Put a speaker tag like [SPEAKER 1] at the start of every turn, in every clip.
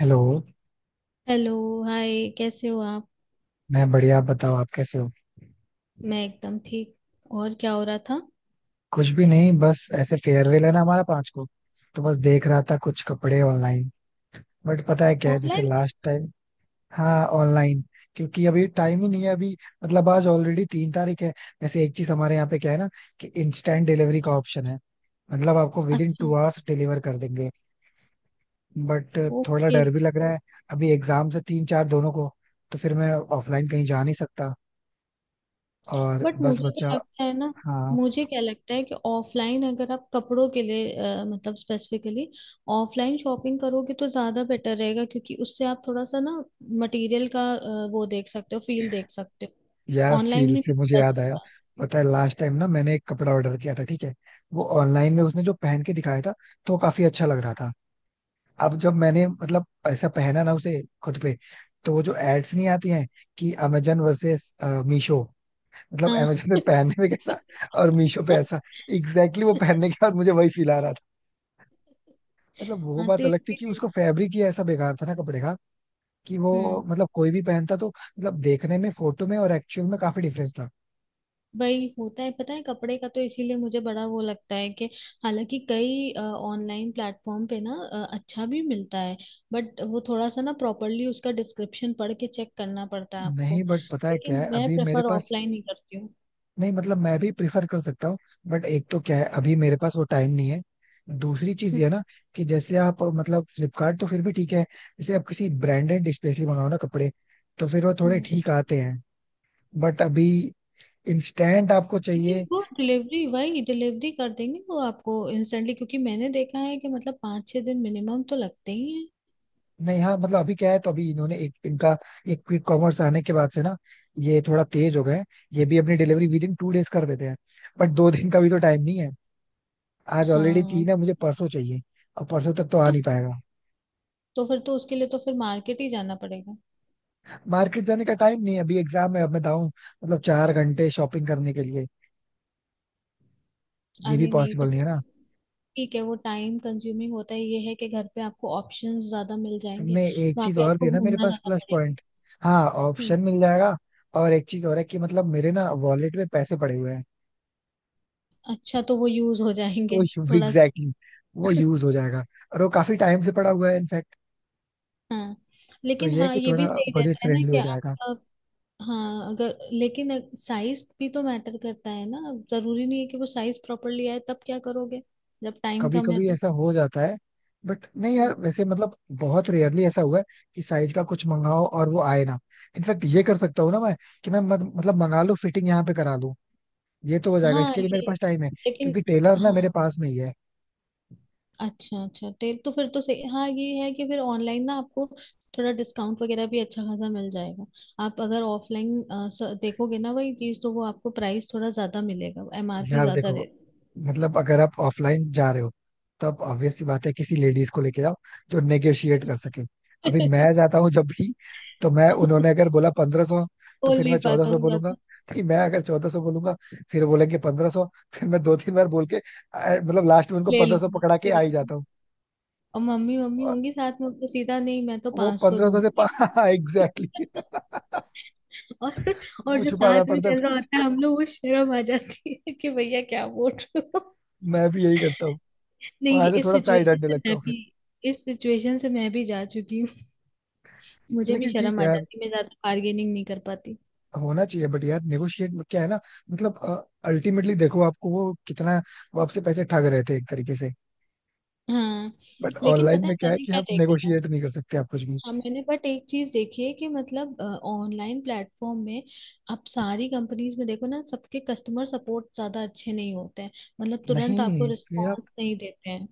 [SPEAKER 1] Hello.
[SPEAKER 2] Hello. Hi, कैसे हो आप?
[SPEAKER 1] मैं बढ़िया, आप बताओ आप कैसे हो?
[SPEAKER 2] मैं एकदम ठीक। और क्या हो रहा था?
[SPEAKER 1] कुछ भी नहीं, बस ऐसे फेयरवेल है ना हमारा 5 को। तो बस देख रहा था कुछ कपड़े ऑनलाइन। बट पता है क्या है, जैसे
[SPEAKER 2] ऑनलाइन?
[SPEAKER 1] Last time. हाँ, ऑनलाइन। क्योंकि अभी टाइम ही नहीं है अभी। मतलब आज ऑलरेडी 3 तारीख है। वैसे एक चीज हमारे यहाँ पे क्या है ना, कि इंस्टेंट डिलीवरी का ऑप्शन है। मतलब आपको विद इन
[SPEAKER 2] अच्छा।
[SPEAKER 1] 2 आवर्स डिलीवर कर देंगे। बट थोड़ा
[SPEAKER 2] ओके।
[SPEAKER 1] डर भी लग रहा है। अभी एग्जाम से 3-4 दोनों को। तो फिर मैं ऑफलाइन कहीं जा नहीं सकता, और
[SPEAKER 2] बट
[SPEAKER 1] बस
[SPEAKER 2] मुझे तो
[SPEAKER 1] बच्चा।
[SPEAKER 2] लगता है ना,
[SPEAKER 1] हाँ।
[SPEAKER 2] मुझे क्या लगता है कि ऑफलाइन अगर आप कपड़ों के लिए मतलब स्पेसिफिकली ऑफलाइन शॉपिंग करोगे तो ज़्यादा बेटर रहेगा क्योंकि उससे आप थोड़ा सा ना मटेरियल का वो देख सकते हो, फील देख सकते हो,
[SPEAKER 1] यार
[SPEAKER 2] ऑनलाइन
[SPEAKER 1] फील
[SPEAKER 2] में
[SPEAKER 1] से
[SPEAKER 2] नहीं
[SPEAKER 1] मुझे
[SPEAKER 2] पता
[SPEAKER 1] याद आया।
[SPEAKER 2] चलता।
[SPEAKER 1] पता है लास्ट टाइम ना मैंने एक कपड़ा ऑर्डर किया था, ठीक है। वो ऑनलाइन में उसने जो पहन के दिखाया था, तो वो काफी अच्छा लग रहा था। अब जब मैंने मतलब ऐसा पहना ना उसे खुद पे, तो वो जो एड्स नहीं आती हैं कि अमेजन वर्सेस मीशो। मतलब
[SPEAKER 2] हाँ।
[SPEAKER 1] अमेजन पे पहनने में कैसा, और मीशो पे ऐसा। एग्जैक्टली exactly, वो पहनने के बाद मुझे वही फील आ रहा था। मतलब वो
[SPEAKER 2] हाँ।
[SPEAKER 1] बात अलग थी कि उसको फैब्रिक ही ऐसा बेकार था ना कपड़े का, कि वो
[SPEAKER 2] हम्म।
[SPEAKER 1] मतलब कोई भी पहनता तो मतलब देखने में फोटो में और एक्चुअल में काफी डिफरेंस था।
[SPEAKER 2] वही होता है, पता है कपड़े का, तो इसीलिए मुझे बड़ा वो लगता है कि हालांकि कई ऑनलाइन प्लेटफॉर्म पे ना अच्छा भी मिलता है, बट वो थोड़ा सा ना प्रॉपरली उसका डिस्क्रिप्शन पढ़ के चेक करना पड़ता है
[SPEAKER 1] नहीं,
[SPEAKER 2] आपको।
[SPEAKER 1] बट पता है क्या
[SPEAKER 2] लेकिन
[SPEAKER 1] है
[SPEAKER 2] मैं
[SPEAKER 1] अभी मेरे
[SPEAKER 2] प्रेफर
[SPEAKER 1] पास।
[SPEAKER 2] ऑफलाइन ही करती हूँ।
[SPEAKER 1] नहीं, मतलब मैं भी प्रिफर कर सकता हूँ। बट एक तो क्या है, अभी मेरे पास वो टाइम नहीं है। दूसरी चीज ये
[SPEAKER 2] हम्म।
[SPEAKER 1] है ना, कि जैसे आप मतलब फ्लिपकार्ट तो फिर भी ठीक है। जैसे आप किसी ब्रांडेड स्पेशली मंगाओ ना कपड़े, तो फिर वो थोड़े
[SPEAKER 2] हम्म।
[SPEAKER 1] ठीक आते हैं। बट अभी इंस्टेंट आपको
[SPEAKER 2] लेकिन
[SPEAKER 1] चाहिए।
[SPEAKER 2] वो डिलीवरी वही डिलीवरी कर देंगे वो आपको इंस्टेंटली, क्योंकि मैंने देखा है कि मतलब 5-6 दिन मिनिमम तो लगते ही हैं।
[SPEAKER 1] नहीं, हाँ मतलब अभी क्या है, तो अभी इन्होंने एक इनका, एक क्विक कॉमर्स आने के बाद से ना, ये थोड़ा तेज हो गए हैं। ये भी अपनी डिलीवरी विद इन 2 डेज कर देते हैं। बट 2 दिन का भी तो टाइम नहीं है। आज ऑलरेडी
[SPEAKER 2] हाँ।
[SPEAKER 1] 3 है, मुझे परसों चाहिए। और परसों तक तो आ
[SPEAKER 2] तो
[SPEAKER 1] नहीं पाएगा।
[SPEAKER 2] तो फिर तो उसके लिए तो फिर मार्केट ही जाना पड़ेगा।
[SPEAKER 1] मार्केट जाने का टाइम नहीं है, अभी एग्जाम है, अब मैं जाऊँ मतलब 4 घंटे शॉपिंग करने के लिए? ये भी
[SPEAKER 2] अरे नहीं तो।
[SPEAKER 1] पॉसिबल नहीं है ना।
[SPEAKER 2] ठीक है, वो टाइम कंज्यूमिंग होता है, ये है कि घर पे आपको ऑप्शंस ज्यादा मिल जाएंगे,
[SPEAKER 1] मैं एक
[SPEAKER 2] वहां
[SPEAKER 1] चीज
[SPEAKER 2] पे
[SPEAKER 1] और भी
[SPEAKER 2] आपको
[SPEAKER 1] है ना मेरे
[SPEAKER 2] घूमना
[SPEAKER 1] पास
[SPEAKER 2] ज्यादा
[SPEAKER 1] प्लस
[SPEAKER 2] पड़ेगा।
[SPEAKER 1] पॉइंट। हाँ
[SPEAKER 2] हम्म।
[SPEAKER 1] ऑप्शन मिल जाएगा। और एक चीज और है कि मतलब मेरे ना वॉलेट में पैसे पड़े हुए हैं।
[SPEAKER 2] अच्छा, तो वो यूज हो
[SPEAKER 1] तो
[SPEAKER 2] जाएंगे,
[SPEAKER 1] एग्जैक्टली
[SPEAKER 2] थोड़ा सा।
[SPEAKER 1] exactly, वो यूज हो जाएगा। और वो काफी टाइम से पड़ा हुआ है इनफैक्ट।
[SPEAKER 2] हाँ,
[SPEAKER 1] तो
[SPEAKER 2] लेकिन
[SPEAKER 1] ये है
[SPEAKER 2] हाँ
[SPEAKER 1] कि
[SPEAKER 2] ये
[SPEAKER 1] थोड़ा
[SPEAKER 2] भी सही
[SPEAKER 1] बजट
[SPEAKER 2] रहता है ना
[SPEAKER 1] फ्रेंडली
[SPEAKER 2] कि
[SPEAKER 1] हो जाएगा।
[SPEAKER 2] आपका, हाँ अगर लेकिन साइज भी तो मैटर करता है ना। जरूरी नहीं है कि वो साइज प्रॉपरली आए, तब क्या करोगे जब टाइम
[SPEAKER 1] कभी
[SPEAKER 2] कम है
[SPEAKER 1] कभी
[SPEAKER 2] तो।
[SPEAKER 1] ऐसा हो जाता है, बट नहीं यार,
[SPEAKER 2] हम्म।
[SPEAKER 1] वैसे मतलब बहुत रेयरली ऐसा हुआ है कि साइज का कुछ मंगाओ और वो आए ना। इनफैक्ट ये कर सकता हूँ ना मैं, कि मैं मत, मतलब मंगा लूँ, फिटिंग यहाँ पे करा लूँ। ये तो हो जाएगा,
[SPEAKER 2] हाँ
[SPEAKER 1] इसके लिए मेरे
[SPEAKER 2] ये
[SPEAKER 1] पास टाइम है।
[SPEAKER 2] लेकिन
[SPEAKER 1] क्योंकि टेलर ना मेरे
[SPEAKER 2] हाँ,
[SPEAKER 1] पास में ही है।
[SPEAKER 2] अच्छा अच्छा तेल तो फिर तो सही, हाँ ये है कि फिर ऑनलाइन ना आपको थोड़ा डिस्काउंट वगैरह भी अच्छा खासा मिल जाएगा। आप अगर ऑफलाइन देखोगे ना वही चीज, तो वो आपको प्राइस थोड़ा ज्यादा मिलेगा, एमआरपी
[SPEAKER 1] यार
[SPEAKER 2] ज्यादा
[SPEAKER 1] देखो,
[SPEAKER 2] रहती।
[SPEAKER 1] मतलब अगर आप ऑफलाइन जा रहे हो, तो आप ऑब्वियस सी बात है किसी लेडीज को लेके जाओ जो नेगोशिएट कर सके। अभी मैं जाता हूँ जब भी, तो मैं उन्होंने अगर बोला 1500, तो
[SPEAKER 2] बोल
[SPEAKER 1] फिर
[SPEAKER 2] नहीं
[SPEAKER 1] मैं चौदह
[SPEAKER 2] पाता
[SPEAKER 1] सौ
[SPEAKER 2] हूँ
[SPEAKER 1] बोलूंगा।
[SPEAKER 2] ज्यादा।
[SPEAKER 1] फिर मैं अगर 1400 बोलूंगा, फिर वो बोलेंगे 1500। फिर मैं 2-3 बार बोल के मतलब लास्ट में उनको
[SPEAKER 2] ले
[SPEAKER 1] 1500
[SPEAKER 2] लूंगी,
[SPEAKER 1] पकड़ा के
[SPEAKER 2] ले
[SPEAKER 1] आ ही
[SPEAKER 2] लूंगी,
[SPEAKER 1] जाता हूँ।
[SPEAKER 2] और मम्मी मम्मी
[SPEAKER 1] और
[SPEAKER 2] होंगी साथ में, तो सीधा नहीं मैं तो
[SPEAKER 1] वो
[SPEAKER 2] 500
[SPEAKER 1] 1500 के
[SPEAKER 2] दूंगी।
[SPEAKER 1] एग्जैक्टली।
[SPEAKER 2] और और
[SPEAKER 1] वो
[SPEAKER 2] जो
[SPEAKER 1] छुपाना
[SPEAKER 2] साथ में
[SPEAKER 1] पड़ता
[SPEAKER 2] चल
[SPEAKER 1] था
[SPEAKER 2] रहा होता
[SPEAKER 1] मुझे,
[SPEAKER 2] है हम लोग, वो शर्म आ जाती है कि भैया क्या बोल रहे हो।
[SPEAKER 1] मैं भी यही करता हूँ।
[SPEAKER 2] नहीं, ये
[SPEAKER 1] वहां से
[SPEAKER 2] इस
[SPEAKER 1] थोड़ा साइड
[SPEAKER 2] सिचुएशन
[SPEAKER 1] हटने
[SPEAKER 2] से
[SPEAKER 1] लगता
[SPEAKER 2] मैं
[SPEAKER 1] हूँ फिर।
[SPEAKER 2] भी, इस सिचुएशन से मैं भी जा चुकी हूँ। मुझे भी
[SPEAKER 1] लेकिन ठीक
[SPEAKER 2] शर्म
[SPEAKER 1] है
[SPEAKER 2] आ
[SPEAKER 1] यार,
[SPEAKER 2] जाती, मैं ज्यादा बार्गेनिंग नहीं कर पाती।
[SPEAKER 1] होना चाहिए। बट यार नेगोशिएट में क्या है ना, मतलब अल्टीमेटली देखो, आपको वो कितना, वो आपसे पैसे ठग रहे थे एक तरीके से।
[SPEAKER 2] हाँ,
[SPEAKER 1] बट
[SPEAKER 2] लेकिन
[SPEAKER 1] ऑनलाइन
[SPEAKER 2] पता है
[SPEAKER 1] में क्या है
[SPEAKER 2] मैंने
[SPEAKER 1] कि
[SPEAKER 2] क्या
[SPEAKER 1] आप
[SPEAKER 2] देखा है?
[SPEAKER 1] नेगोशिएट नहीं कर सकते आप कुछ भी।
[SPEAKER 2] हाँ मैंने, बट एक चीज देखी है कि मतलब ऑनलाइन प्लेटफॉर्म में आप सारी कंपनीज में देखो ना, सबके कस्टमर सपोर्ट ज्यादा अच्छे नहीं होते हैं, मतलब तुरंत आपको
[SPEAKER 1] नहीं फिर आप,
[SPEAKER 2] रिस्पॉन्स नहीं देते हैं।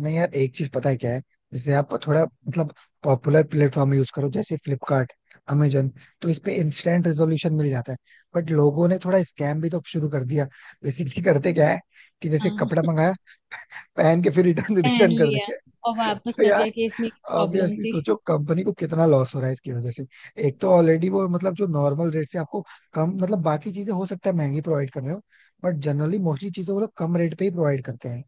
[SPEAKER 1] नहीं यार एक चीज पता है क्या है। जैसे आप थोड़ा मतलब पॉपुलर प्लेटफॉर्म यूज करो, जैसे फ्लिपकार्ट, अमेजन, तो इस पे इंस्टेंट रेजोल्यूशन मिल जाता है। बट लोगों ने थोड़ा स्कैम भी तो शुरू कर दिया। बेसिकली करते क्या है, कि जैसे
[SPEAKER 2] हाँ।
[SPEAKER 1] कपड़ा मंगाया, पहन के फिर रिटर्न
[SPEAKER 2] पहन
[SPEAKER 1] रिटर्न कर
[SPEAKER 2] लिया
[SPEAKER 1] देंगे।
[SPEAKER 2] और वापस
[SPEAKER 1] तो
[SPEAKER 2] कर
[SPEAKER 1] यार
[SPEAKER 2] दिया कि इसमें प्रॉब्लम
[SPEAKER 1] ऑब्वियसली
[SPEAKER 2] थी।
[SPEAKER 1] सोचो कंपनी को कितना लॉस हो रहा है इसकी वजह से। एक तो ऑलरेडी वो मतलब जो नॉर्मल रेट से आपको कम, मतलब बाकी चीजें हो सकता है महंगी प्रोवाइड कर रहे हो, बट जनरली मोस्टली चीजें वो लोग कम रेट पे ही प्रोवाइड करते हैं।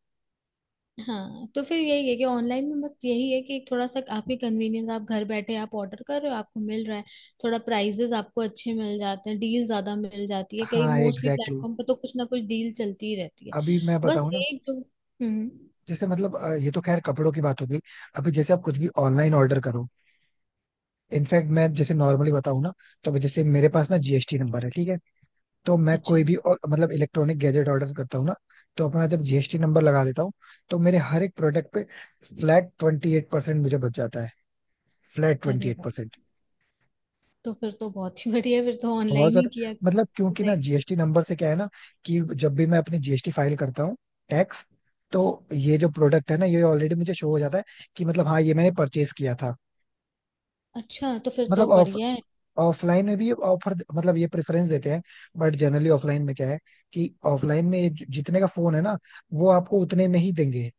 [SPEAKER 2] हाँ, तो फिर यही है कि ऑनलाइन में बस यही है कि थोड़ा सा आपकी कन्वीनियंस, आप घर बैठे आप ऑर्डर कर रहे हो, आपको मिल रहा है। थोड़ा प्राइजेस आपको अच्छे मिल जाते हैं, डील ज्यादा मिल जाती है, कई
[SPEAKER 1] हाँ
[SPEAKER 2] मोस्टली
[SPEAKER 1] एग्जैक्टली exactly.
[SPEAKER 2] प्लेटफॉर्म पे तो कुछ ना कुछ डील चलती ही रहती है।
[SPEAKER 1] अभी मैं
[SPEAKER 2] बस
[SPEAKER 1] बताऊं ना,
[SPEAKER 2] एक जो हम्म,
[SPEAKER 1] जैसे मतलब ये तो खैर कपड़ों की बात हो गई। अभी जैसे आप कुछ भी ऑनलाइन ऑर्डर करो। इनफैक्ट मैं जैसे नॉर्मली बताऊं ना, तो अभी जैसे मेरे पास ना जीएसटी नंबर है, ठीक है। तो मैं कोई
[SPEAKER 2] अच्छा।
[SPEAKER 1] भी और, मतलब इलेक्ट्रॉनिक गैजेट ऑर्डर करता हूँ ना, तो अपना जब जीएसटी नंबर लगा देता हूँ, तो मेरे हर एक प्रोडक्ट पे फ्लैट 28% मुझे बच जाता है। फ्लैट ट्वेंटी
[SPEAKER 2] अरे
[SPEAKER 1] एट
[SPEAKER 2] वाह!
[SPEAKER 1] परसेंट,
[SPEAKER 2] तो फिर तो बहुत ही बढ़िया, फिर तो
[SPEAKER 1] बहुत
[SPEAKER 2] ऑनलाइन ही
[SPEAKER 1] ज्यादा।
[SPEAKER 2] किया।
[SPEAKER 1] मतलब क्योंकि
[SPEAKER 2] सही।
[SPEAKER 1] ना जीएसटी नंबर से क्या है ना, कि जब भी मैं अपनी जीएसटी फाइल करता हूँ टैक्स, तो ये जो प्रोडक्ट है ना ये ऑलरेडी मुझे शो हो जाता है, कि मतलब हाँ ये मैंने परचेज किया था।
[SPEAKER 2] अच्छा, तो फिर तो
[SPEAKER 1] मतलब ऑफ
[SPEAKER 2] बढ़िया है।
[SPEAKER 1] ऑफलाइन में भी ऑफर मतलब ये प्रेफरेंस देते हैं। बट जनरली ऑफलाइन में क्या है, कि ऑफलाइन में जितने का फोन है ना, वो आपको उतने में ही देंगे।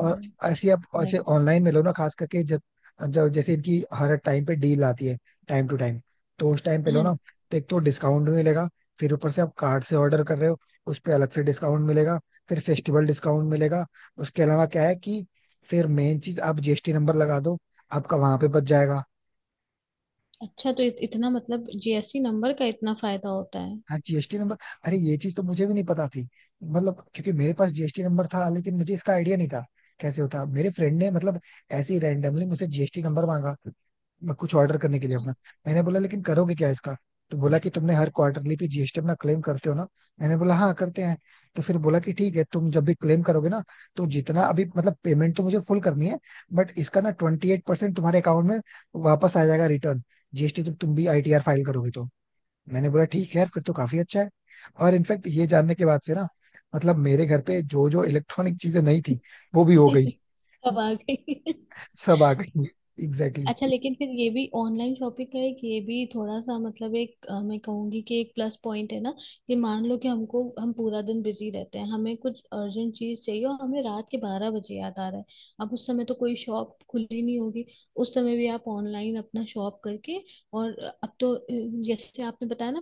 [SPEAKER 1] और ऐसी आप
[SPEAKER 2] तो है।
[SPEAKER 1] अच्छे ऑनलाइन में लो ना, खास करके जब, जब जैसे इनकी हर टाइम पे डील आती है, टाइम टू टाइम, तो उस टाइम पे लो
[SPEAKER 2] हाँ,
[SPEAKER 1] ना। तो एक तो डिस्काउंट भी मिलेगा, फिर ऊपर से आप कार्ड से ऑर्डर कर रहे हो, उस पे अलग से डिस्काउंट मिलेगा, फिर फेस्टिवल डिस्काउंट मिलेगा। उसके अलावा क्या है कि, फिर मेन चीज आप जीएसटी नंबर लगा दो, आपका वहां पे बच जाएगा।
[SPEAKER 2] अच्छा तो इतना मतलब जीएसटी नंबर का इतना फायदा होता है?
[SPEAKER 1] हाँ जीएसटी नंबर। अरे ये चीज तो मुझे भी नहीं पता थी। मतलब क्योंकि मेरे पास जीएसटी नंबर था लेकिन मुझे इसका आइडिया नहीं था, कैसे होता। मेरे फ्रेंड ने मतलब ऐसे ही रैंडमली मुझसे जीएसटी नंबर मांगा, मैं कुछ ऑर्डर करने के लिए अपना। मैंने बोला लेकिन करोगे क्या इसका। तो बोला कि तुमने हर क्वार्टरली पे जीएसटी अपना क्लेम करते हो ना। मैंने बोला हाँ करते हैं। तो फिर बोला कि ठीक है, तुम जब भी क्लेम करोगे ना, तो जितना अभी मतलब पेमेंट तो मुझे फुल करनी है, बट इसका ना 28% तुम्हारे अकाउंट में वापस आ जाएगा, रिटर्न जीएसटी जब तुम भी आईटीआर फाइल करोगे तो। मैंने बोला ठीक है यार, फिर तो काफी अच्छा है। और इनफैक्ट ये जानने के बाद से ना, मतलब मेरे घर पे जो जो इलेक्ट्रॉनिक चीजें नहीं थी वो भी हो गई,
[SPEAKER 2] अब आ गई।
[SPEAKER 1] सब आ गई। एग्जैक्टली
[SPEAKER 2] अच्छा
[SPEAKER 1] exactly.
[SPEAKER 2] लेकिन फिर ये भी ऑनलाइन शॉपिंग का एक, ये भी थोड़ा सा मतलब एक मैं कहूंगी कि एक प्लस पॉइंट है ना, कि मान लो कि हमको, हम पूरा दिन बिजी रहते हैं, हमें कुछ अर्जेंट चीज चाहिए और हमें रात के 12 बजे याद आ रहा है। अब उस समय तो कोई शॉप खुली नहीं होगी, उस समय भी आप ऑनलाइन अपना शॉप करके, और अब तो जैसे आपने बताया ना,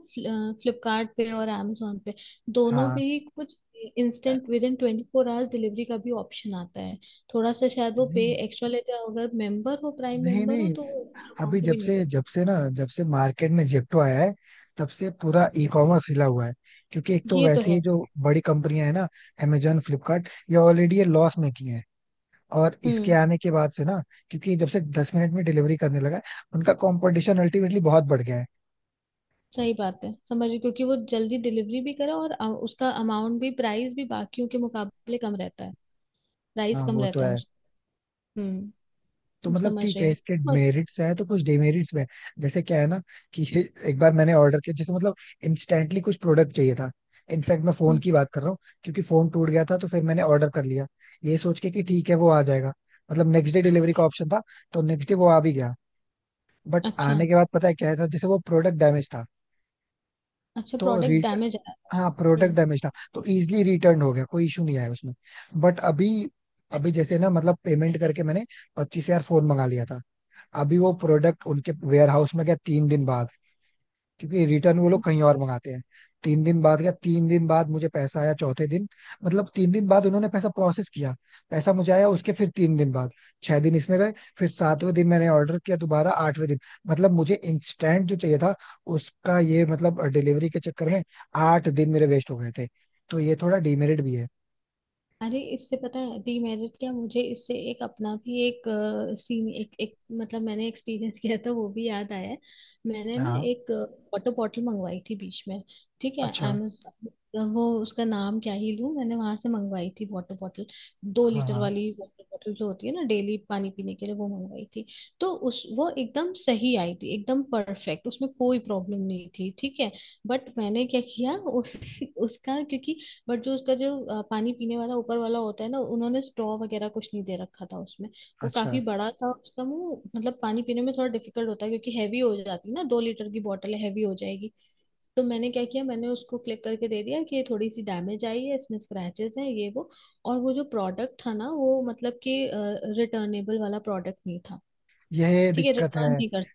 [SPEAKER 2] फ्लिपकार्ट पे और amazon पे दोनों पे
[SPEAKER 1] हाँ,
[SPEAKER 2] ही कुछ instant with in 24 hours delivery का भी ऑप्शन आता है। थोड़ा सा शायद वो पे
[SPEAKER 1] नहीं
[SPEAKER 2] एक्स्ट्रा लेते हैं, अगर मेंबर हो, प्राइम
[SPEAKER 1] नहीं
[SPEAKER 2] मेंबर हो,
[SPEAKER 1] नहीं,
[SPEAKER 2] तो वो
[SPEAKER 1] अभी
[SPEAKER 2] अमाउंट भी नहीं लेते।
[SPEAKER 1] जब से मार्केट में जेप्टो आया है, तब से पूरा ई कॉमर्स हिला हुआ है। क्योंकि एक तो
[SPEAKER 2] ये तो
[SPEAKER 1] वैसे ही
[SPEAKER 2] है।
[SPEAKER 1] जो बड़ी कंपनियां हैं ना, अमेजोन फ्लिपकार्ट, ये ऑलरेडी ये लॉस मेकिंग है। और इसके
[SPEAKER 2] हम्म।
[SPEAKER 1] आने के बाद से ना, क्योंकि जब से 10 मिनट में डिलीवरी करने लगा है, उनका कंपटीशन अल्टीमेटली बहुत बढ़ गया है।
[SPEAKER 2] सही बात है, समझ रही, क्योंकि वो जल्दी डिलीवरी भी करे और उसका अमाउंट भी, प्राइस भी बाकियों के मुकाबले कम रहता है, प्राइस
[SPEAKER 1] हाँ
[SPEAKER 2] कम
[SPEAKER 1] वो तो
[SPEAKER 2] रहता है
[SPEAKER 1] है।
[SPEAKER 2] उसका। हम्म।
[SPEAKER 1] तो मतलब
[SPEAKER 2] समझ
[SPEAKER 1] ठीक
[SPEAKER 2] रही
[SPEAKER 1] है,
[SPEAKER 2] हूँ।
[SPEAKER 1] इसके
[SPEAKER 2] और-
[SPEAKER 1] मेरिट्स हैं तो कुछ डिमेरिट्स भी हैं। जैसे क्या है ना, कि एक बार मैंने ऑर्डर किया जैसे मतलब इंस्टेंटली कुछ प्रोडक्ट चाहिए था। इनफैक्ट मैं फोन
[SPEAKER 2] हम्म।
[SPEAKER 1] की बात कर रहा हूँ, क्योंकि फोन टूट गया था, तो फिर मैंने ऑर्डर कर लिया, ये सोच के कि ठीक है वो आ जाएगा। मतलब नेक्स्ट डे डिलीवरी का ऑप्शन था, तो नेक्स्ट डे वो आ भी गया। बट
[SPEAKER 2] अच्छा,
[SPEAKER 1] आने के बाद पता है क्या था, जैसे वो प्रोडक्ट डैमेज था।
[SPEAKER 2] अच्छा
[SPEAKER 1] तो
[SPEAKER 2] प्रोडक्ट
[SPEAKER 1] री
[SPEAKER 2] डैमेज आया?
[SPEAKER 1] हाँ, प्रोडक्ट
[SPEAKER 2] हम्म।
[SPEAKER 1] डैमेज था, तो इजिली रिटर्न हो गया, कोई इशू नहीं आया उसमें। बट अभी, अभी जैसे ना मतलब पेमेंट करके मैंने 25,000 फोन मंगा लिया था। अभी वो प्रोडक्ट उनके वेयर हाउस में गया 3 दिन बाद, क्योंकि रिटर्न वो लोग कहीं और मंगाते हैं। 3 दिन बाद गया, 3 दिन बाद मुझे पैसा आया चौथे दिन। मतलब 3 दिन बाद उन्होंने पैसा प्रोसेस किया, पैसा मुझे आया उसके फिर 3 दिन बाद। 6 दिन इसमें गए, फिर सातवें दिन मैंने ऑर्डर किया दोबारा, आठवें दिन। मतलब मुझे इंस्टेंट जो चाहिए था, उसका ये मतलब डिलीवरी के चक्कर में 8 दिन मेरे वेस्ट हो गए थे। तो ये थोड़ा डिमेरिट भी है।
[SPEAKER 2] अरे इससे पता है डीमेरिट क्या, मुझे इससे एक अपना भी एक सीन, एक एक मतलब मैंने एक्सपीरियंस किया था वो भी याद आया है। मैंने ना
[SPEAKER 1] हाँ,
[SPEAKER 2] एक वाटर बॉटल मंगवाई थी बीच में, ठीक है
[SPEAKER 1] अच्छा,
[SPEAKER 2] अमेजोन, वो उसका नाम क्या ही लूं, मैंने वहां से मंगवाई थी वाटर बॉटल, दो
[SPEAKER 1] हाँ
[SPEAKER 2] लीटर
[SPEAKER 1] हाँ,
[SPEAKER 2] वाली वाटर बॉटल जो होती है ना डेली पानी पीने के लिए, वो मंगवाई थी। तो उस वो एकदम सही आई थी, एकदम परफेक्ट, उसमें कोई प्रॉब्लम नहीं थी, ठीक है। बट मैंने क्या किया उस उसका, क्योंकि बट जो उसका जो पानी पीने वाला ऊपर वाला होता है ना, उन्होंने स्ट्रॉ वगैरह कुछ नहीं दे रखा था उसमें। वो काफी
[SPEAKER 1] अच्छा।
[SPEAKER 2] बड़ा था उसका मुंह, मतलब पानी पीने में थोड़ा डिफिकल्ट होता है क्योंकि हैवी हो जाती है ना, 2 लीटर की बॉटल है हैवी हो जाएगी। तो मैंने क्या किया, मैंने उसको क्लिक करके दे दिया कि ये थोड़ी सी डैमेज आई है, इसमें स्क्रैचेस हैं, ये वो, और वो जो प्रोडक्ट था ना वो मतलब कि रिटर्नेबल वाला प्रोडक्ट नहीं था।
[SPEAKER 1] यह
[SPEAKER 2] ठीक है,
[SPEAKER 1] दिक्कत
[SPEAKER 2] रिटर्न
[SPEAKER 1] है।
[SPEAKER 2] नहीं कर,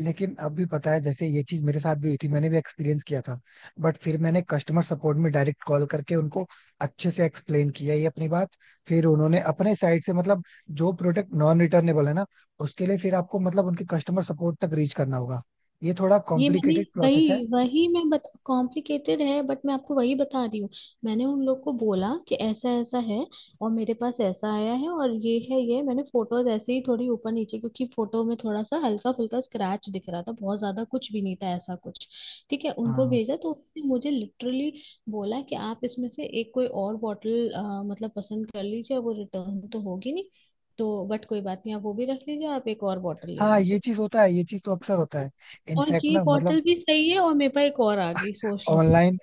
[SPEAKER 1] लेकिन अब भी पता है, जैसे ये चीज मेरे साथ भी हुई थी, मैंने भी एक्सपीरियंस किया था। बट फिर मैंने कस्टमर सपोर्ट में डायरेक्ट कॉल करके उनको अच्छे से एक्सप्लेन किया ये अपनी बात। फिर उन्होंने अपने साइड से मतलब, जो प्रोडक्ट नॉन रिटर्नेबल है ना, उसके लिए फिर आपको मतलब उनके कस्टमर सपोर्ट तक रीच करना होगा। ये थोड़ा
[SPEAKER 2] ये मैंने,
[SPEAKER 1] कॉम्प्लिकेटेड प्रोसेस है।
[SPEAKER 2] वही वही मैं बता, कॉम्प्लिकेटेड है बट मैं आपको वही बता रही हूँ। मैंने उन लोग को बोला कि ऐसा ऐसा है, और मेरे पास ऐसा आया है, और ये है, ये मैंने फोटोज ऐसे ही थोड़ी ऊपर नीचे, क्योंकि फोटो में थोड़ा सा हल्का फुल्का स्क्रैच दिख रहा था, बहुत ज्यादा कुछ भी नहीं था ऐसा कुछ। ठीक है उनको
[SPEAKER 1] हाँ
[SPEAKER 2] भेजा, तो उसने मुझे लिटरली बोला कि आप इसमें से एक कोई और बॉटल मतलब पसंद कर लीजिए, वो रिटर्न तो होगी नहीं, तो बट कोई बात नहीं, आप वो भी रख लीजिए, आप एक और बॉटल ले
[SPEAKER 1] हाँ, ये
[SPEAKER 2] लीजिए।
[SPEAKER 1] चीज होता है, ये चीज तो अक्सर होता है।
[SPEAKER 2] और
[SPEAKER 1] इनफैक्ट
[SPEAKER 2] ये
[SPEAKER 1] ना मतलब
[SPEAKER 2] बॉटल भी सही है और मेरे पास एक और आ गई, सोच लो।
[SPEAKER 1] ऑनलाइन,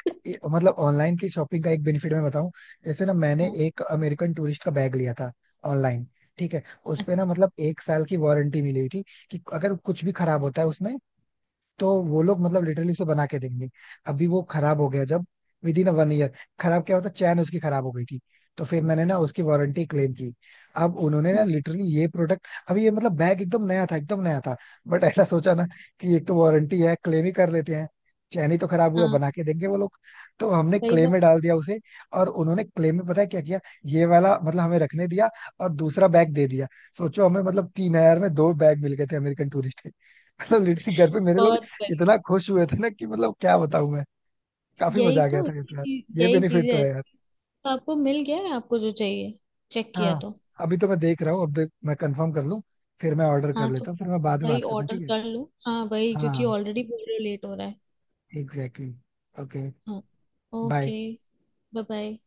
[SPEAKER 1] मतलब ऑनलाइन की शॉपिंग का एक बेनिफिट मैं बताऊं। जैसे ना मैंने
[SPEAKER 2] हाँ।
[SPEAKER 1] एक अमेरिकन टूरिस्ट का बैग लिया था ऑनलाइन, ठीक है। उस पे ना मतलब एक साल की वारंटी मिली हुई थी, कि अगर कुछ भी खराब होता है उसमें, तो वो लोग मतलब लिटरली उसे बना के देंगे। अभी वो खराब हो गया जब, विद इन 1 ईयर। खराब क्या होता, चैन उसकी खराब हो गई थी। तो फिर मैंने ना उसकी वारंटी क्लेम की। अब उन्होंने ना
[SPEAKER 2] अच्छा।
[SPEAKER 1] लिटरली ये प्रोडक्ट, अभी ये मतलब बैग एकदम नया था, एकदम नया था। बट ऐसा सोचा ना कि एक तो वारंटी है, क्लेम ही कर लेते हैं। चैन ही तो खराब हुआ,
[SPEAKER 2] हाँ
[SPEAKER 1] बना के देंगे वो लोग। तो हमने
[SPEAKER 2] सही
[SPEAKER 1] क्लेम
[SPEAKER 2] बात।
[SPEAKER 1] में डाल दिया उसे। और उन्होंने क्लेम में पता है क्या किया, ये वाला मतलब हमें रखने दिया, और दूसरा बैग दे दिया। सोचो, हमें मतलब 3000 में दो बैग मिल गए थे अमेरिकन टूरिस्ट के। मतलब लिटरली घर पे मेरे लोग
[SPEAKER 2] बहुत बढ़िया।
[SPEAKER 1] इतना खुश हुए थे ना कि मतलब क्या बताऊं मैं। काफी
[SPEAKER 2] यही
[SPEAKER 1] मजा आ गया
[SPEAKER 2] तो
[SPEAKER 1] था ये तो यार। ये
[SPEAKER 2] यही
[SPEAKER 1] बेनिफिट
[SPEAKER 2] चीजें
[SPEAKER 1] तो
[SPEAKER 2] हैं।
[SPEAKER 1] है यार।
[SPEAKER 2] तो आपको मिल गया है आपको जो चाहिए? चेक किया
[SPEAKER 1] हाँ,
[SPEAKER 2] तो?
[SPEAKER 1] अभी तो मैं देख रहा हूँ। अब देख, मैं कंफर्म कर लूँ, फिर मैं ऑर्डर कर
[SPEAKER 2] हाँ। तो
[SPEAKER 1] लेता हूँ, फिर मैं बाद में
[SPEAKER 2] भाई
[SPEAKER 1] बात करता हूँ,
[SPEAKER 2] ऑर्डर
[SPEAKER 1] ठीक है।
[SPEAKER 2] कर लो, हाँ भाई, क्योंकि
[SPEAKER 1] हाँ
[SPEAKER 2] ऑलरेडी बोल रहे हो लेट हो रहा है।
[SPEAKER 1] एग्जैक्टली। ओके।
[SPEAKER 2] हाँ।
[SPEAKER 1] बाय।
[SPEAKER 2] ओके। Bye, bye.